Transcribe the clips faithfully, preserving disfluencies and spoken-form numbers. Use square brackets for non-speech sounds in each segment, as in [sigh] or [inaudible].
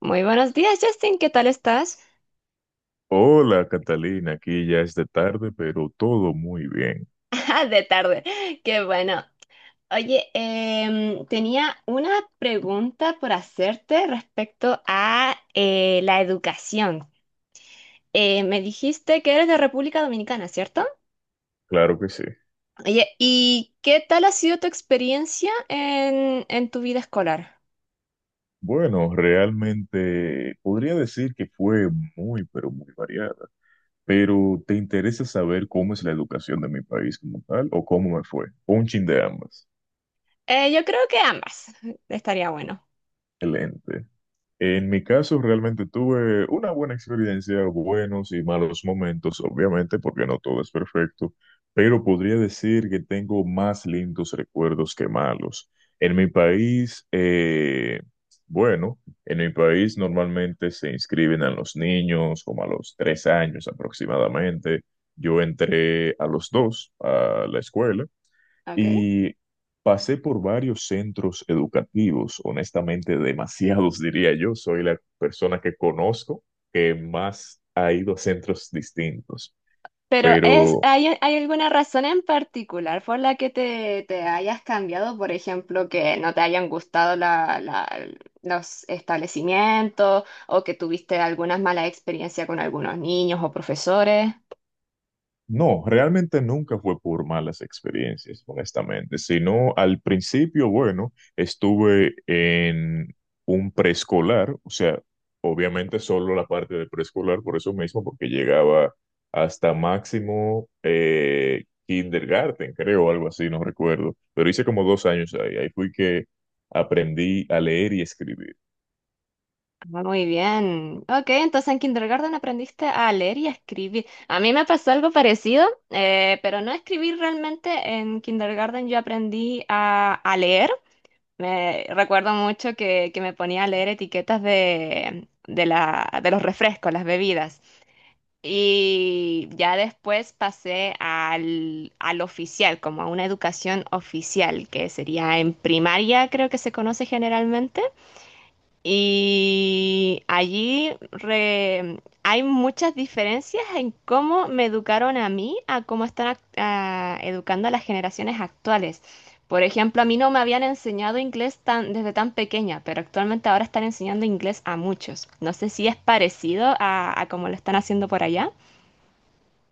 Muy buenos días, Justin. ¿Qué tal estás? Hola Catalina, aquí ya es de tarde, pero todo muy bien. [laughs] De tarde. Qué bueno. Oye, em, tenía una pregunta por hacerte respecto a eh, la educación. Eh, me dijiste que eres de República Dominicana, ¿cierto? Claro que sí. Oye, ¿y qué tal ha sido tu experiencia en, en tu vida escolar? Bueno, realmente podría decir que fue muy, pero muy variada. Pero ¿te interesa saber cómo es la educación de mi país como tal o cómo me fue? Un chin de ambas. Eh, yo creo que ambas. Estaría bueno. Excelente. En mi caso, realmente tuve una buena experiencia, buenos y malos momentos, obviamente, porque no todo es perfecto, pero podría decir que tengo más lindos recuerdos que malos. En mi país, eh, bueno, en mi país normalmente se inscriben a los niños como a los tres años aproximadamente. Yo entré a los dos a la escuela. Ok. Y pasé por varios centros educativos, honestamente demasiados [laughs] diría yo. Soy la persona que conozco que más ha ido a centros distintos, Pero es, pero. ¿hay, hay alguna razón en particular por la que te, te hayas cambiado? Por ejemplo, que no te hayan gustado la- la- los establecimientos o que tuviste algunas malas experiencias con algunos niños o profesores. No, realmente nunca fue por malas experiencias, honestamente, sino al principio, bueno, estuve en un preescolar, o sea, obviamente solo la parte de preescolar, por eso mismo, porque llegaba hasta máximo eh, kindergarten, creo, algo así, no recuerdo, pero hice como dos años ahí, ahí fui que aprendí a leer y escribir. Ah, muy bien. Ok, entonces en kindergarten aprendiste a leer y a escribir. A mí me pasó algo parecido, eh, pero no a escribir realmente. En kindergarten yo aprendí a a leer. Me recuerdo mucho que, que me ponía a leer etiquetas de, de la, de los refrescos, las bebidas. Y ya después pasé al, al oficial, como a una educación oficial, que sería en primaria, creo que se conoce generalmente. Y allí re- hay muchas diferencias en cómo me educaron a mí, a cómo están ac- a- educando a las generaciones actuales. Por ejemplo, a mí no me habían enseñado inglés tan, desde tan pequeña, pero actualmente ahora están enseñando inglés a muchos. No sé si es parecido a, a cómo lo están haciendo por allá.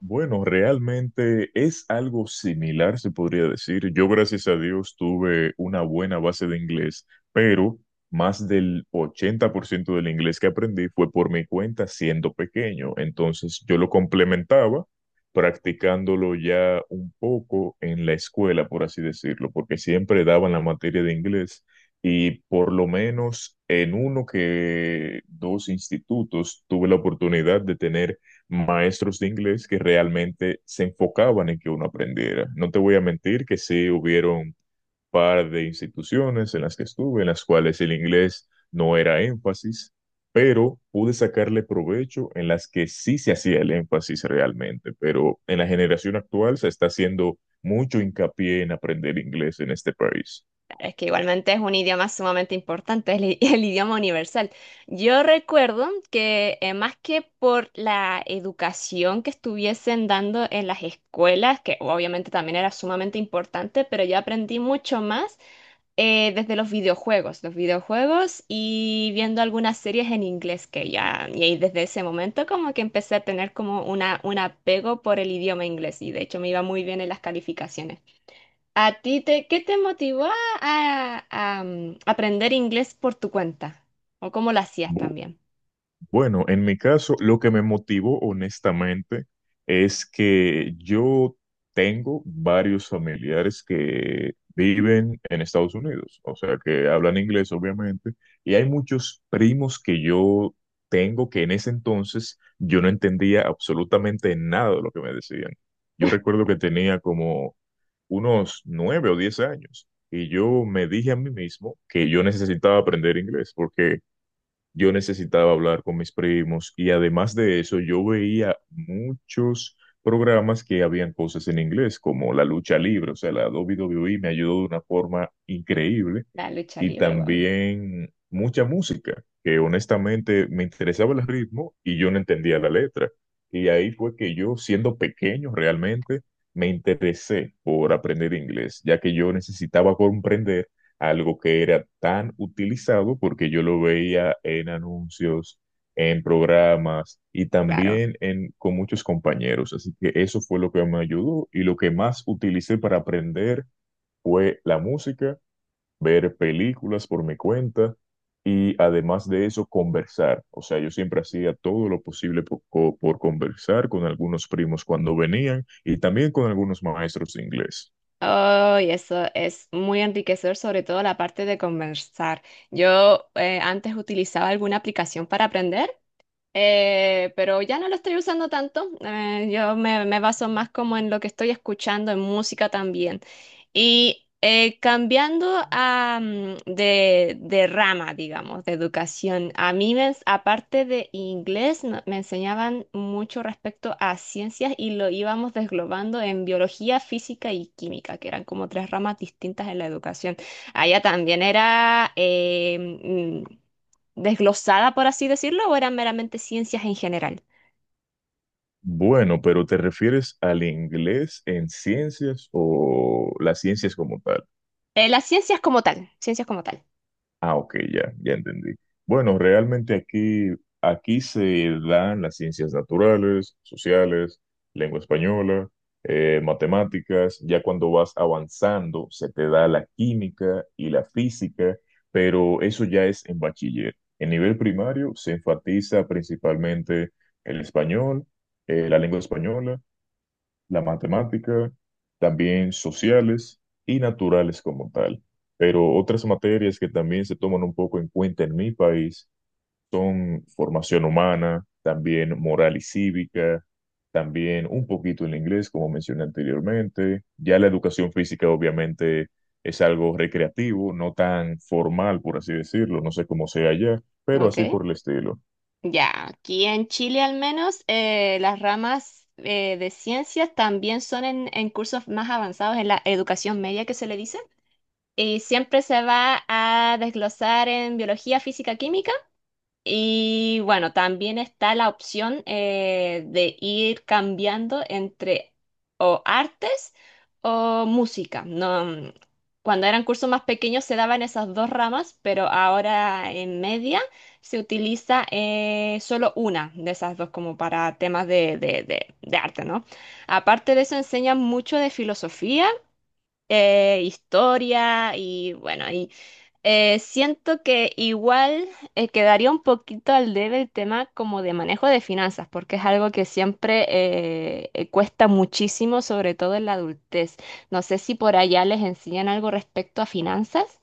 Bueno, realmente es algo similar, se podría decir. Yo, gracias a Dios, tuve una buena base de inglés, pero más del ochenta por ciento del inglés que aprendí fue por mi cuenta siendo pequeño. Entonces, yo lo complementaba practicándolo ya un poco en la escuela, por así decirlo, porque siempre daban la materia de inglés y por lo menos en uno que dos institutos tuve la oportunidad de tener maestros de inglés que realmente se enfocaban en que uno aprendiera. No te voy a mentir que sí hubieron un par de instituciones en las que estuve, en las cuales el inglés no era énfasis, pero pude sacarle provecho en las que sí se hacía el énfasis realmente. Pero en la generación actual se está haciendo mucho hincapié en aprender inglés en este país. Es que igualmente es un idioma sumamente importante, es el, [laughs] el idioma universal. Yo recuerdo que eh, más que por la educación que estuviesen dando en las escuelas, que obviamente también era sumamente importante, pero yo aprendí mucho más eh, desde los videojuegos, los videojuegos y viendo algunas series en inglés que ya, y ahí desde ese momento como que empecé a tener como una, un apego por el idioma inglés y de hecho me iba muy bien en las calificaciones. ¿A ti te, qué te motivó a, a- mm, aprender inglés por tu cuenta? ¿O cómo lo hacías también? Bueno, en mi caso, lo que me motivó honestamente es que yo tengo varios familiares que viven en Estados Unidos, o sea, que hablan inglés, obviamente, y hay muchos primos que yo tengo que en ese entonces yo no entendía absolutamente nada de lo que me decían. Yo recuerdo que tenía como unos nueve o diez años y yo me dije a mí mismo que yo necesitaba aprender inglés porque yo necesitaba hablar con mis primos y además de eso yo veía muchos programas que habían cosas en inglés, como la lucha libre, o sea, la W W E me ayudó de una forma increíble La lucha y libre, wow. también mucha música, que honestamente me interesaba el ritmo y yo no entendía la letra. Y ahí fue que yo, siendo pequeño realmente, me interesé por aprender inglés, ya que yo necesitaba comprender algo que era tan utilizado porque yo lo veía en anuncios, en programas y Claro. también en, con muchos compañeros. Así que eso fue lo que me ayudó y lo que más utilicé para aprender fue la música, ver películas por mi cuenta y además de eso conversar. O sea, yo siempre hacía todo lo posible por, co- por conversar con algunos primos cuando venían y también con algunos maestros de inglés. Oh, y eso es muy enriquecedor, sobre todo la parte de conversar. Yo eh, antes utilizaba alguna aplicación para aprender. Eh, pero ya no lo estoy usando tanto. Eh, yo me, me baso más como en lo que estoy escuchando, en música también. Y eh, cambiando a, mm, de, de rama, digamos, de educación, a mí, me ens- aparte de inglés, no- me enseñaban mucho respecto a ciencias y lo íbamos desglobando en biología, física y química, que eran como tres ramas distintas en la educación. Allá también era... eh, mm, desglosada, por así decirlo, ¿o eran meramente ciencias en general? Bueno, pero ¿te refieres al inglés en ciencias o las ciencias como tal? Eh, las ciencias como tal, ciencias como tal. Ah, ok, ya, ya entendí. Bueno, realmente aquí, aquí se dan las ciencias naturales, sociales, lengua española, eh, matemáticas. Ya cuando vas avanzando, se te da la química y la física, pero eso ya es en bachiller. En nivel primario se enfatiza principalmente el español, eh, la lengua española, la matemática, también sociales y naturales como tal. Pero otras materias que también se toman un poco en cuenta en mi país son formación humana, también moral y cívica, también un poquito el inglés, como mencioné anteriormente. Ya la educación física obviamente es algo recreativo, no tan formal, por así decirlo, no sé cómo sea allá, pero Ok. así por el estilo. Ya, aquí en Chile al menos eh, las ramas eh, de ciencias también son en, en cursos más avanzados en la educación media que se le dice. Y siempre se va a desglosar en biología, física, química. Y bueno, también está la opción eh, de ir cambiando entre o artes o música. No, mm, cuando eran cursos más pequeños se daban esas dos ramas, pero ahora en media se utiliza eh, solo una de esas dos como para temas de, de- de- de arte, ¿no? Aparte de eso enseñan mucho de filosofía, eh, historia y bueno, eh, siento que igual eh, quedaría un poquito al debe el tema como de manejo de finanzas, porque es algo que siempre eh, eh, cuesta muchísimo, sobre todo en la adultez. No sé si por allá les enseñan algo respecto a finanzas.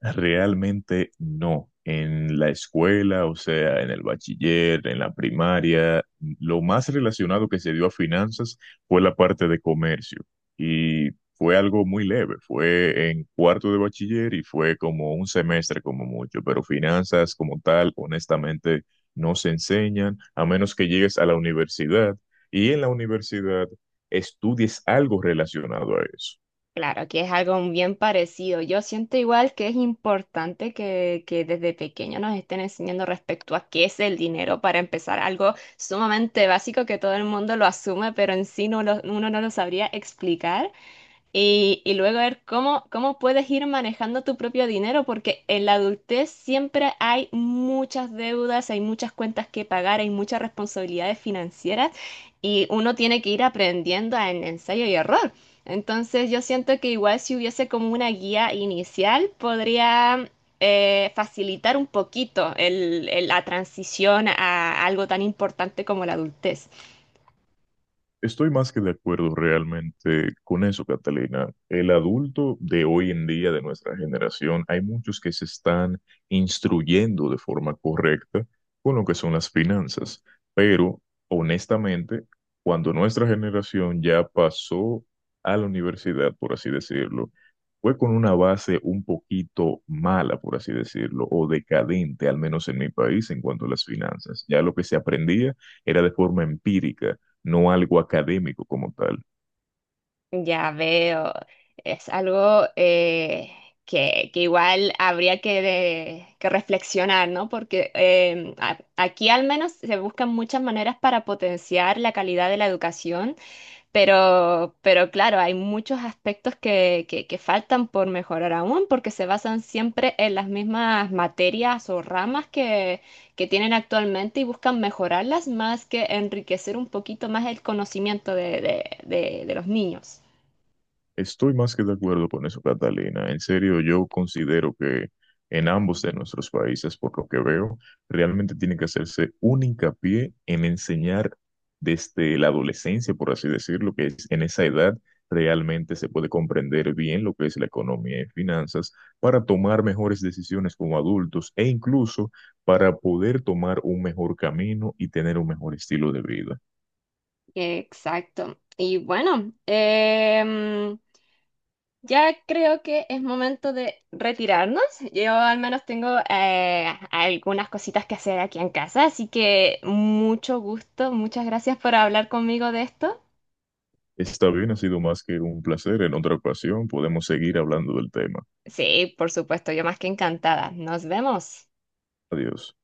Realmente no. En la escuela, o sea, en el bachiller, en la primaria, lo más relacionado que se dio a finanzas fue la parte de comercio. Y fue algo muy leve. Fue en cuarto de bachiller y fue como un semestre como mucho. Pero finanzas como tal, honestamente, no se enseñan a menos que llegues a la universidad y en la universidad estudies algo relacionado a eso. Claro, que es algo bien parecido. Yo siento igual que es importante que, que desde pequeño nos estén enseñando respecto a qué es el dinero para empezar algo sumamente básico que todo el mundo lo asume, pero en sí no lo- uno no lo sabría explicar. Y, y luego ver cómo, cómo puedes ir manejando tu propio dinero, porque en la adultez siempre hay muchas deudas, hay muchas cuentas que pagar, hay muchas responsabilidades financieras y uno tiene que ir aprendiendo en ensayo y error. Entonces yo siento que igual si hubiese como una guía inicial, podría eh, facilitar un poquito el- el- la transición a algo tan importante como la adultez. Estoy más que de acuerdo realmente con eso, Catalina. El adulto de hoy en día, de nuestra generación, hay muchos que se están instruyendo de forma correcta con lo que son las finanzas, pero honestamente, cuando nuestra generación ya pasó a la universidad, por así decirlo, fue con una base un poquito mala, por así decirlo, o decadente, al menos en mi país, en cuanto a las finanzas. Ya lo que se aprendía era de forma empírica, no algo académico como tal. Ya veo, es algo eh, que, que igual habría que, de- que reflexionar, ¿no? Porque em, a- aquí al menos se buscan muchas maneras para potenciar la calidad de la educación, pero, pero claro, hay muchos aspectos que, que, que faltan por mejorar aún, porque se basan siempre en las mismas materias o ramas que, que tienen actualmente y buscan mejorarlas más que enriquecer un poquito más el conocimiento de de- de- de los niños. Estoy más que de acuerdo con eso, Catalina. En serio, yo considero que en ambos de nuestros países, por lo que veo, realmente tiene que hacerse un hincapié en enseñar desde la adolescencia, por así decirlo, que es en esa edad realmente se puede comprender bien lo que es la economía y finanzas para tomar mejores decisiones como adultos e incluso para poder tomar un mejor camino y tener un mejor estilo de vida. Exacto. Y bueno, em, ya creo que es momento de retirarnos. Yo al menos tengo eh, algunas cositas que hacer aquí en casa, así que mucho gusto, muchas gracias por hablar conmigo de esto. Está bien, ha sido más que un placer. En otra ocasión podemos seguir hablando del tema. Sí, por supuesto, yo más que encantada. Nos vemos. Adiós.